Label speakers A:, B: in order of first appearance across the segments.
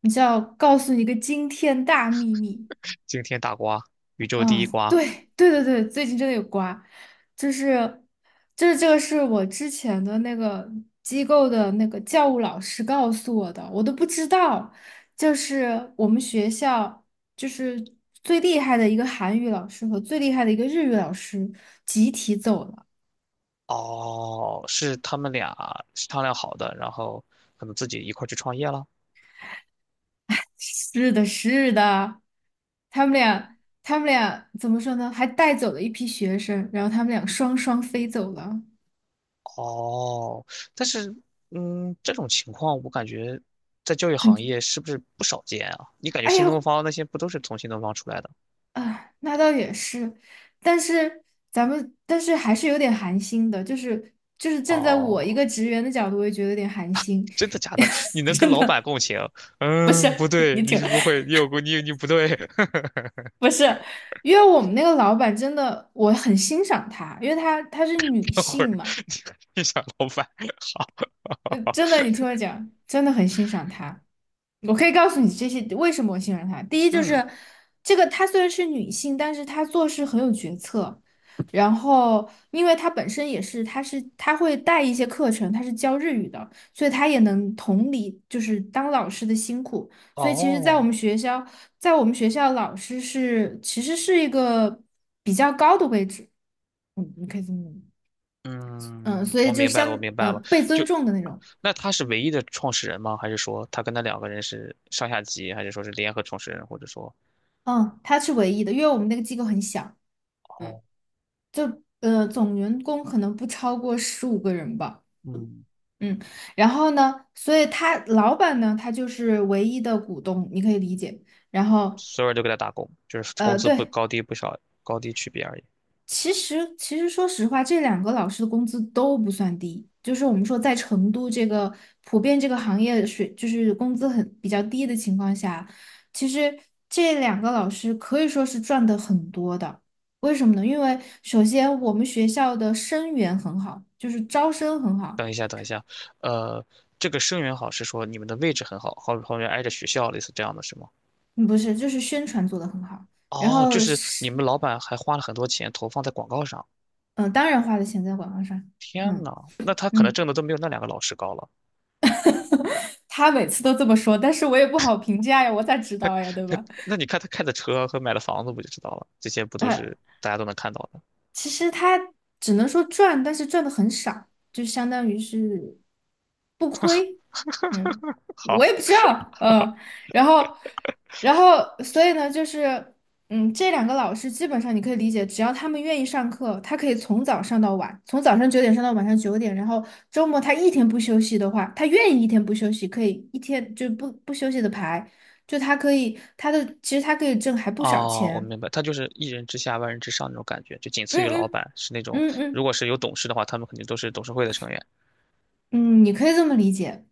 A: 你知道，告诉你一个惊天大秘密
B: 惊天大瓜，宇宙第
A: 啊！
B: 一瓜。
A: 对对对对，最近真的有瓜，就是就是这个是我之前的那个机构的那个教务老师告诉我的，我都不知道。就是我们学校就是最厉害的一个韩语老师和最厉害的一个日语老师集体走了。
B: 哦，是他们俩商量好的，然后可能自己一块儿去创业了。
A: 是的，是的，他们俩，他们俩怎么说呢？还带走了一批学生，然后他们俩双双飞走了。
B: 哦，但是，嗯，这种情况我感觉在教育行
A: 很，
B: 业是不是不少见啊？你感觉
A: 哎
B: 新
A: 呀，
B: 东方那些不都是从新东方出来的？
A: 啊，那倒也是，但是咱们，但是还是有点寒心的，就是站在我一
B: 哦，
A: 个职员的角度，我也觉得有点寒心。
B: 真的假的？你 能跟
A: 真
B: 老板
A: 的
B: 共情？
A: 不是，
B: 嗯，不 对，
A: 你
B: 你
A: 挺，
B: 是不会，你有过，你不对。
A: 不是，因为我们那个老板真的，我很欣赏她，因为她是女
B: 等会
A: 性
B: 儿
A: 嘛，
B: 你你想老板，好，
A: 真的，你听我讲，真的很欣赏她。我可以告诉你这些为什么我信任她。第一就
B: 嗯，
A: 是这个，她虽然是女性，但是她做事很有决策。然后，因为她本身也是，她会带一些课程，她是教日语的，所以她也能同理，就是当老师的辛苦。所以，其实，在我
B: 哦。
A: 们学校，在我们学校，老师是其实是一个比较高的位置，你可以这么，嗯，
B: 嗯，
A: 所
B: 我
A: 以就
B: 明白了，我
A: 相，
B: 明白了。
A: 被尊
B: 就
A: 重的那种，
B: 那他是唯一的创始人吗？还是说他跟他两个人是上下级，还是说是联合创始人，或者说
A: 嗯，她是唯一的，因为我们那个机构很小。嗯。
B: 哦，
A: 就总员工可能不超过15个人吧，
B: 嗯，
A: 嗯，然后呢，所以他老板呢，他就是唯一的股东，你可以理解。然后
B: 所有人都给他打工，就是工资不
A: 对，
B: 高低不少，高低区别而已。
A: 其实，说实话，这两个老师的工资都不算低。就是我们说，在成都这个普遍这个行业水，就是工资很比较低的情况下，其实这两个老师可以说是赚的很多的。为什么呢？因为首先我们学校的生源很好，就是招生很好，
B: 等一下，等一下，呃，这个生源好是说你们的位置很好，后面挨着学校，类似这样的是吗？
A: 嗯不是，就是宣传做得很好。然
B: 哦，就
A: 后
B: 是你
A: 是，
B: 们老板还花了很多钱投放在广告上。
A: 嗯、当然花的钱在广告上，
B: 天呐，
A: 嗯
B: 那他可能挣
A: 嗯，
B: 的都没有那两个老师高了。
A: 他每次都这么说，但是我也不好评价呀，我咋知道呀，对
B: 他
A: 吧？
B: 那你看他开的车和买的房子不就知道了？这些不都是 大家都能看到的？
A: 其实他只能说赚，但是赚的很少，就相当于是不亏。嗯，
B: 好，
A: 我也不知道，然后，然后，所以呢，就是，这两个老师基本上你可以理解，只要他们愿意上课，他可以从早上到晚，从早上九点上到晚上九点，然后周末他一天不休息的话，他愿意一天不休息，可以一天就不休息的排，就他可以，他的其实他可以挣还不少
B: 哦，我
A: 钱。
B: 明白，他就是一人之下万人之上那种感觉，就仅次
A: 嗯
B: 于老
A: 嗯
B: 板，是那种
A: 嗯
B: 如
A: 嗯。
B: 果是有董事的话，他们肯定都是董事会的成员。
A: 嗯，你可以这么理解。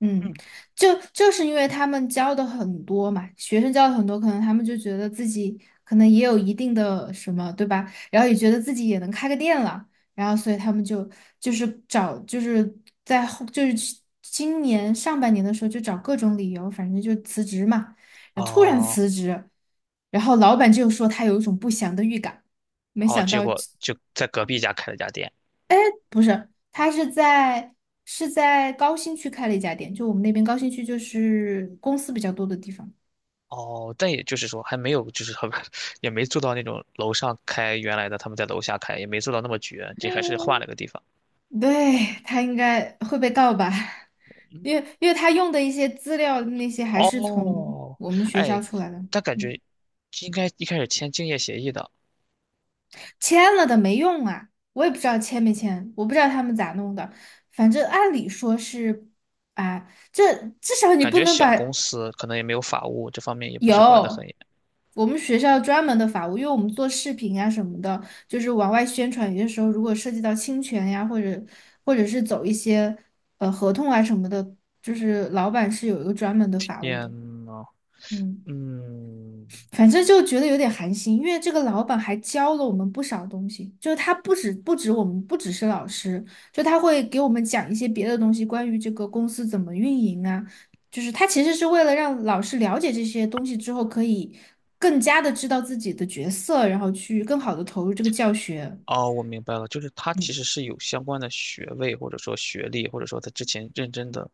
A: 嗯，
B: 嗯，
A: 就是因为他们教的很多嘛，学生教的很多，可能他们就觉得自己可能也有一定的什么，对吧？然后也觉得自己也能开个店了，然后所以他们就就是找就是在后就是去今年上半年的时候就找各种理由，反正就辞职嘛，然后突然
B: 哦
A: 辞职，然后老板就说他有一种不祥的预感，没
B: 哦，
A: 想
B: 结
A: 到。
B: 果就在隔壁家开了家店。
A: 不是，他是在高新区开了一家店，就我们那边高新区就是公司比较多的地方。
B: 哦，但也就是说还没有，就是他们 也没做到那种楼上开原来的，他们在楼下开，也没做到那么绝，这还是换了个地方。
A: 对，他应该会被告吧，因为他用的一些资料那些还是从
B: 哦，
A: 我们学校
B: 哎，
A: 出来的，
B: 但感觉
A: 嗯，
B: 应该一开始签竞业协议的。
A: 签了的没用啊，我也不知道签没签，我不知道他们咋弄的，反正按理说是啊，这至少你
B: 感
A: 不
B: 觉
A: 能
B: 小公
A: 把。
B: 司可能也没有法务，这方面也不是管得很
A: 有，我们学校专门的法务，因为我们做视频啊什么的，就是往外宣传，有些时候如果涉及到侵权呀，或者是走一些合同啊什么的，就是老板是有一个专门的法务的。
B: 严呢。
A: 嗯。
B: 嗯，
A: 反正就觉得有点寒心，因为这个老板还教了我们不少东西，就是他不止我们不只是老师，就他会给我们讲一些别的东西，关于这个公司怎么运营啊，就是他其实是为了让老师了解这些东西之后，可以更加的知道自己的角色，然后去更好的投入这个教学，
B: 哦，我明白了，就是他其
A: 嗯，
B: 实是有相关的学位，或者说学历，或者说他之前认真的，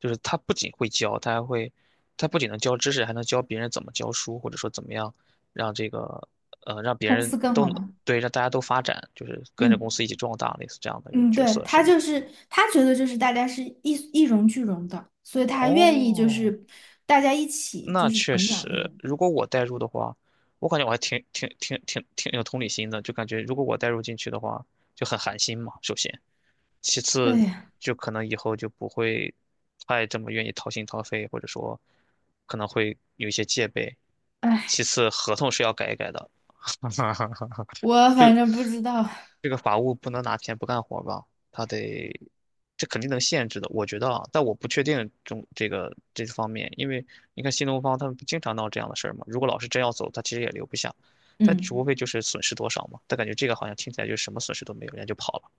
B: 就是他不仅会教，他还会，他不仅能教知识，还能教别人怎么教书，或者说怎么样让这个，让别
A: 公
B: 人
A: 司更
B: 都
A: 好
B: 能，
A: 吗？
B: 对，让大家都发展，就是跟着公
A: 嗯
B: 司一起壮大，类似这样的一个
A: 嗯，
B: 角
A: 对，
B: 色，是吗？
A: 他觉得就是大家是一荣俱荣的，所以他愿意就
B: 哦，
A: 是大家一起就
B: 那
A: 是
B: 确
A: 成长那
B: 实，
A: 种。
B: 如果我代入的话，我感觉我还挺有同理心的，就感觉如果我代入进去的话，就很寒心嘛，首先，其
A: 对，
B: 次
A: 呀，
B: 就可能以后就不会太这么愿意掏心掏肺，或者说可能会有一些戒备。其
A: 哎，
B: 次，合同是要改一改的，
A: 我
B: 就
A: 反正不知道。
B: 这个法务不能拿钱不干活吧？他得，这肯定能限制的，我觉得啊，但我不确定中这个这方面，因为你看新东方他们不经常闹这样的事儿嘛。如果老师真要走，他其实也留不下，但只无
A: 嗯
B: 非就是损失多少嘛。他感觉这个好像听起来就是什么损失都没有，人家就跑了，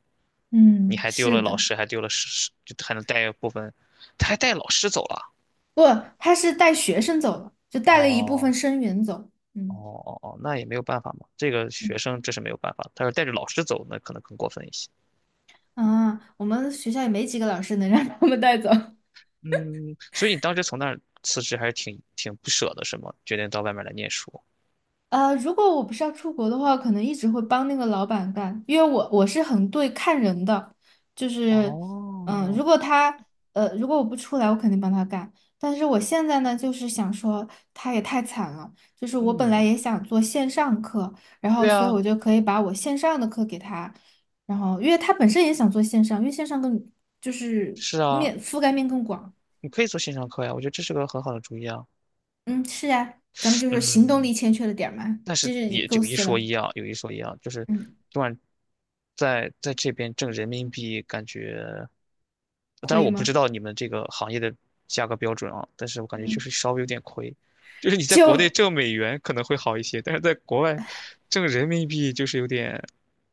B: 你
A: 嗯，
B: 还丢
A: 是
B: 了老
A: 的，
B: 师，还丢了师，就还能带部分，他还带老师走了。
A: 不，他是带学生走了，就带了一部分
B: 哦
A: 生源走。
B: 哦
A: 嗯
B: 哦哦，那也没有办法嘛，这个
A: 嗯
B: 学生这是没有办法，他要是带着老师走，那可能更过分一些。
A: 啊，我们学校也没几个老师能让他们带走。
B: 嗯，所以你当时从那儿辞职还是挺不舍的，是吗？决定到外面来念书。
A: 如果我不是要出国的话，可能一直会帮那个老板干，因为我是很对看人的，就是，嗯，
B: 哦，
A: 如果他，如果我不出来，我肯定帮他干。但是我现在呢，就是想说他也太惨了，就是我本来
B: 嗯，
A: 也想做线上课，然后
B: 对
A: 所以
B: 啊，
A: 我就可以把我线上的课给他，然后因为他本身也想做线上，因为线上更就是
B: 是啊，
A: 覆盖面更广。
B: 你可以做线上课呀，我觉得这是个很好的主意啊。
A: 嗯，是啊，咱们就是行动
B: 嗯。
A: 力欠缺了点儿嘛，
B: 但是
A: 就是
B: 也
A: 构
B: 有一
A: 思
B: 说
A: 了，
B: 一啊，有一说一啊，就是
A: 嗯，
B: 昨晚在这边挣人民币，感觉，当
A: 可
B: 然
A: 以
B: 我不知
A: 吗？
B: 道你们这个行业的价格标准啊，但是我感觉就
A: 嗯，
B: 是稍微有点亏，就是你在国内
A: 就
B: 挣美元可能会好一些，但是在国外挣人民币就是有点，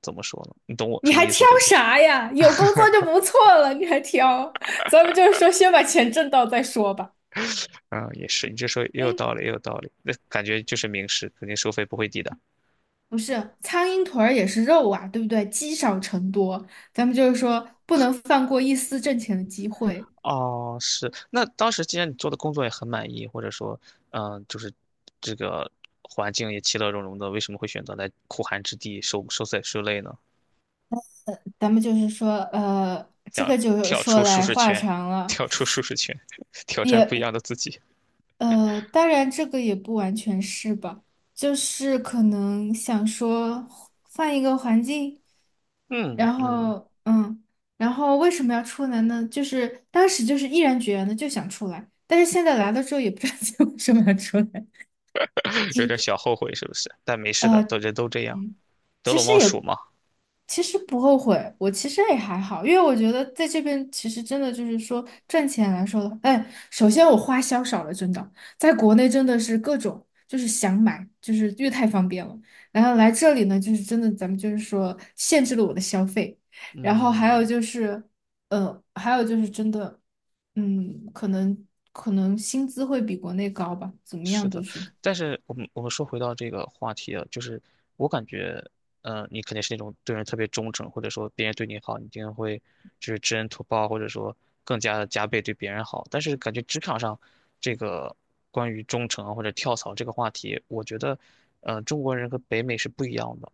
B: 怎么说呢？你懂我
A: 你
B: 什么
A: 还
B: 意思，
A: 挑
B: 对不对？
A: 啥呀？有工作就不错了，你还挑？咱们就是说，先把钱挣到再说吧。
B: 啊，也是，你这说也有
A: 嗯，
B: 道理，也有道理，那感觉就是明示，肯定收费不会低的。
A: 不是，苍蝇腿儿也是肉啊，对不对？积少成多，咱们就是说，不能放过一丝挣钱的机会。
B: 哦，是。那当时既然你做的工作也很满意，或者说，就是这个环境也其乐融融的，为什么会选择来苦寒之地受罪受累呢？
A: 咱们就是说，这
B: 想
A: 个就
B: 跳
A: 说
B: 出舒
A: 来
B: 适
A: 话
B: 圈，
A: 长了。
B: 跳出舒适圈，挑战不一
A: 也。
B: 样的自己，
A: 当然这个也不完全是吧，就是可能想说换一个环境，
B: 嗯
A: 然
B: 嗯
A: 后嗯，然后为什么要出来呢？就是当时就是毅然决然的就想出来，但是现在来了之后也不知道 自己为什么要出来。
B: 有点小后悔是不是？但没事的，都 人都这样，
A: 嗯，
B: 得
A: 其
B: 陇
A: 实
B: 望蜀
A: 也
B: 嘛。
A: 其实不后悔，我其实也还好，因为我觉得在这边其实真的就是说赚钱来说的，哎，首先我花销少了，真的，在国内真的是各种就是想买，就是越太方便了，然后来这里呢，就是真的咱们就是说限制了我的消费，然后还有
B: 嗯，
A: 就是，呃，还有就是真的，嗯，可能薪资会比国内高吧，怎么
B: 是
A: 样都
B: 的，
A: 是，
B: 但是我们说回到这个话题啊，就是我感觉，嗯，你肯定是那种对人特别忠诚，或者说别人对你好，你一定会就是知恩图报，或者说更加的加倍对别人好。但是感觉职场上这个关于忠诚啊或者跳槽这个话题，我觉得，嗯，中国人和北美是不一样的。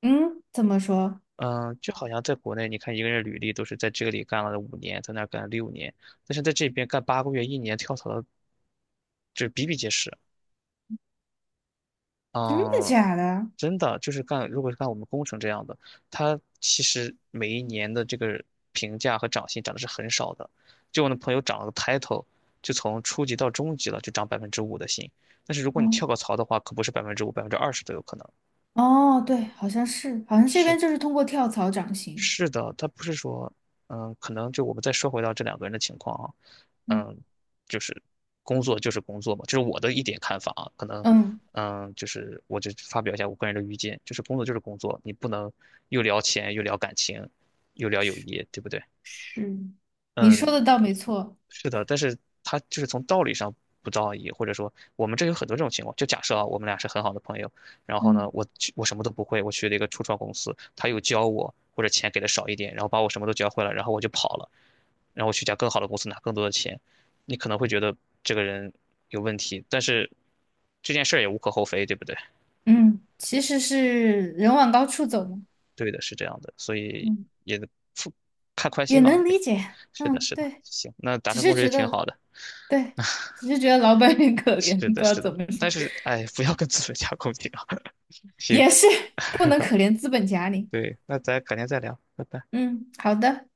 A: 嗯，怎么说？
B: 嗯、就好像在国内，你看一个人履历都是在这里干了5年，在那儿干了6年，但是在这边干8个月、一年跳槽的，就是比比皆是。
A: 真的
B: 嗯，
A: 假的？
B: 真的就是干，如果是干我们工程这样的，他其实每一年的这个评价和涨薪涨的是很少的。就我那朋友涨了个 title，就从初级到中级了，就涨百分之五的薪。但是如果你
A: 哦
B: 跳个槽的话，可不是百分之五、20%都有可能，
A: 哦，对，好像是，好像这
B: 是
A: 边就是通过跳槽涨薪。
B: 是的，他不是说，嗯，可能就我们再说回到这两个人的情况啊，
A: 嗯
B: 嗯，就是工作就是工作嘛，这是我的一点看法啊，可能，
A: 嗯，
B: 嗯，就是我就发表一下我个人的意见，就是工作就是工作，你不能又聊钱又聊感情，又聊友谊，对不对？
A: 是，你说
B: 嗯，
A: 的倒没错。
B: 是的，但是他就是从道理上不道义，或者说我们这有很多这种情况。就假设啊，我们俩是很好的朋友，然后呢，
A: 嗯
B: 我去我什么都不会，我去了一个初创公司，他又教我，或者钱给的少一点，然后把我什么都教会了，然后我就跑了，然后我去一家更好的公司拿更多的钱，你可能会觉得这个人有问题，但是这件事儿也无可厚非，对不对？
A: 嗯，其实是人往高处走嘛。
B: 对的，是这样的，所以
A: 嗯，
B: 也看宽
A: 也
B: 心嘛，
A: 能
B: 也
A: 理解。
B: 是的，
A: 嗯，
B: 是的，
A: 对，
B: 行，那达
A: 只
B: 成
A: 是
B: 共识就
A: 觉
B: 挺
A: 得，
B: 好的。
A: 对，只是觉得老板很可怜，
B: 是
A: 不
B: 的，
A: 知道
B: 是
A: 怎
B: 的，
A: 么说，
B: 但是哎，不要跟资本家共情啊。行，
A: 也是不能可怜资本家你。
B: 对，那咱改天再聊，拜拜。
A: 嗯，好的。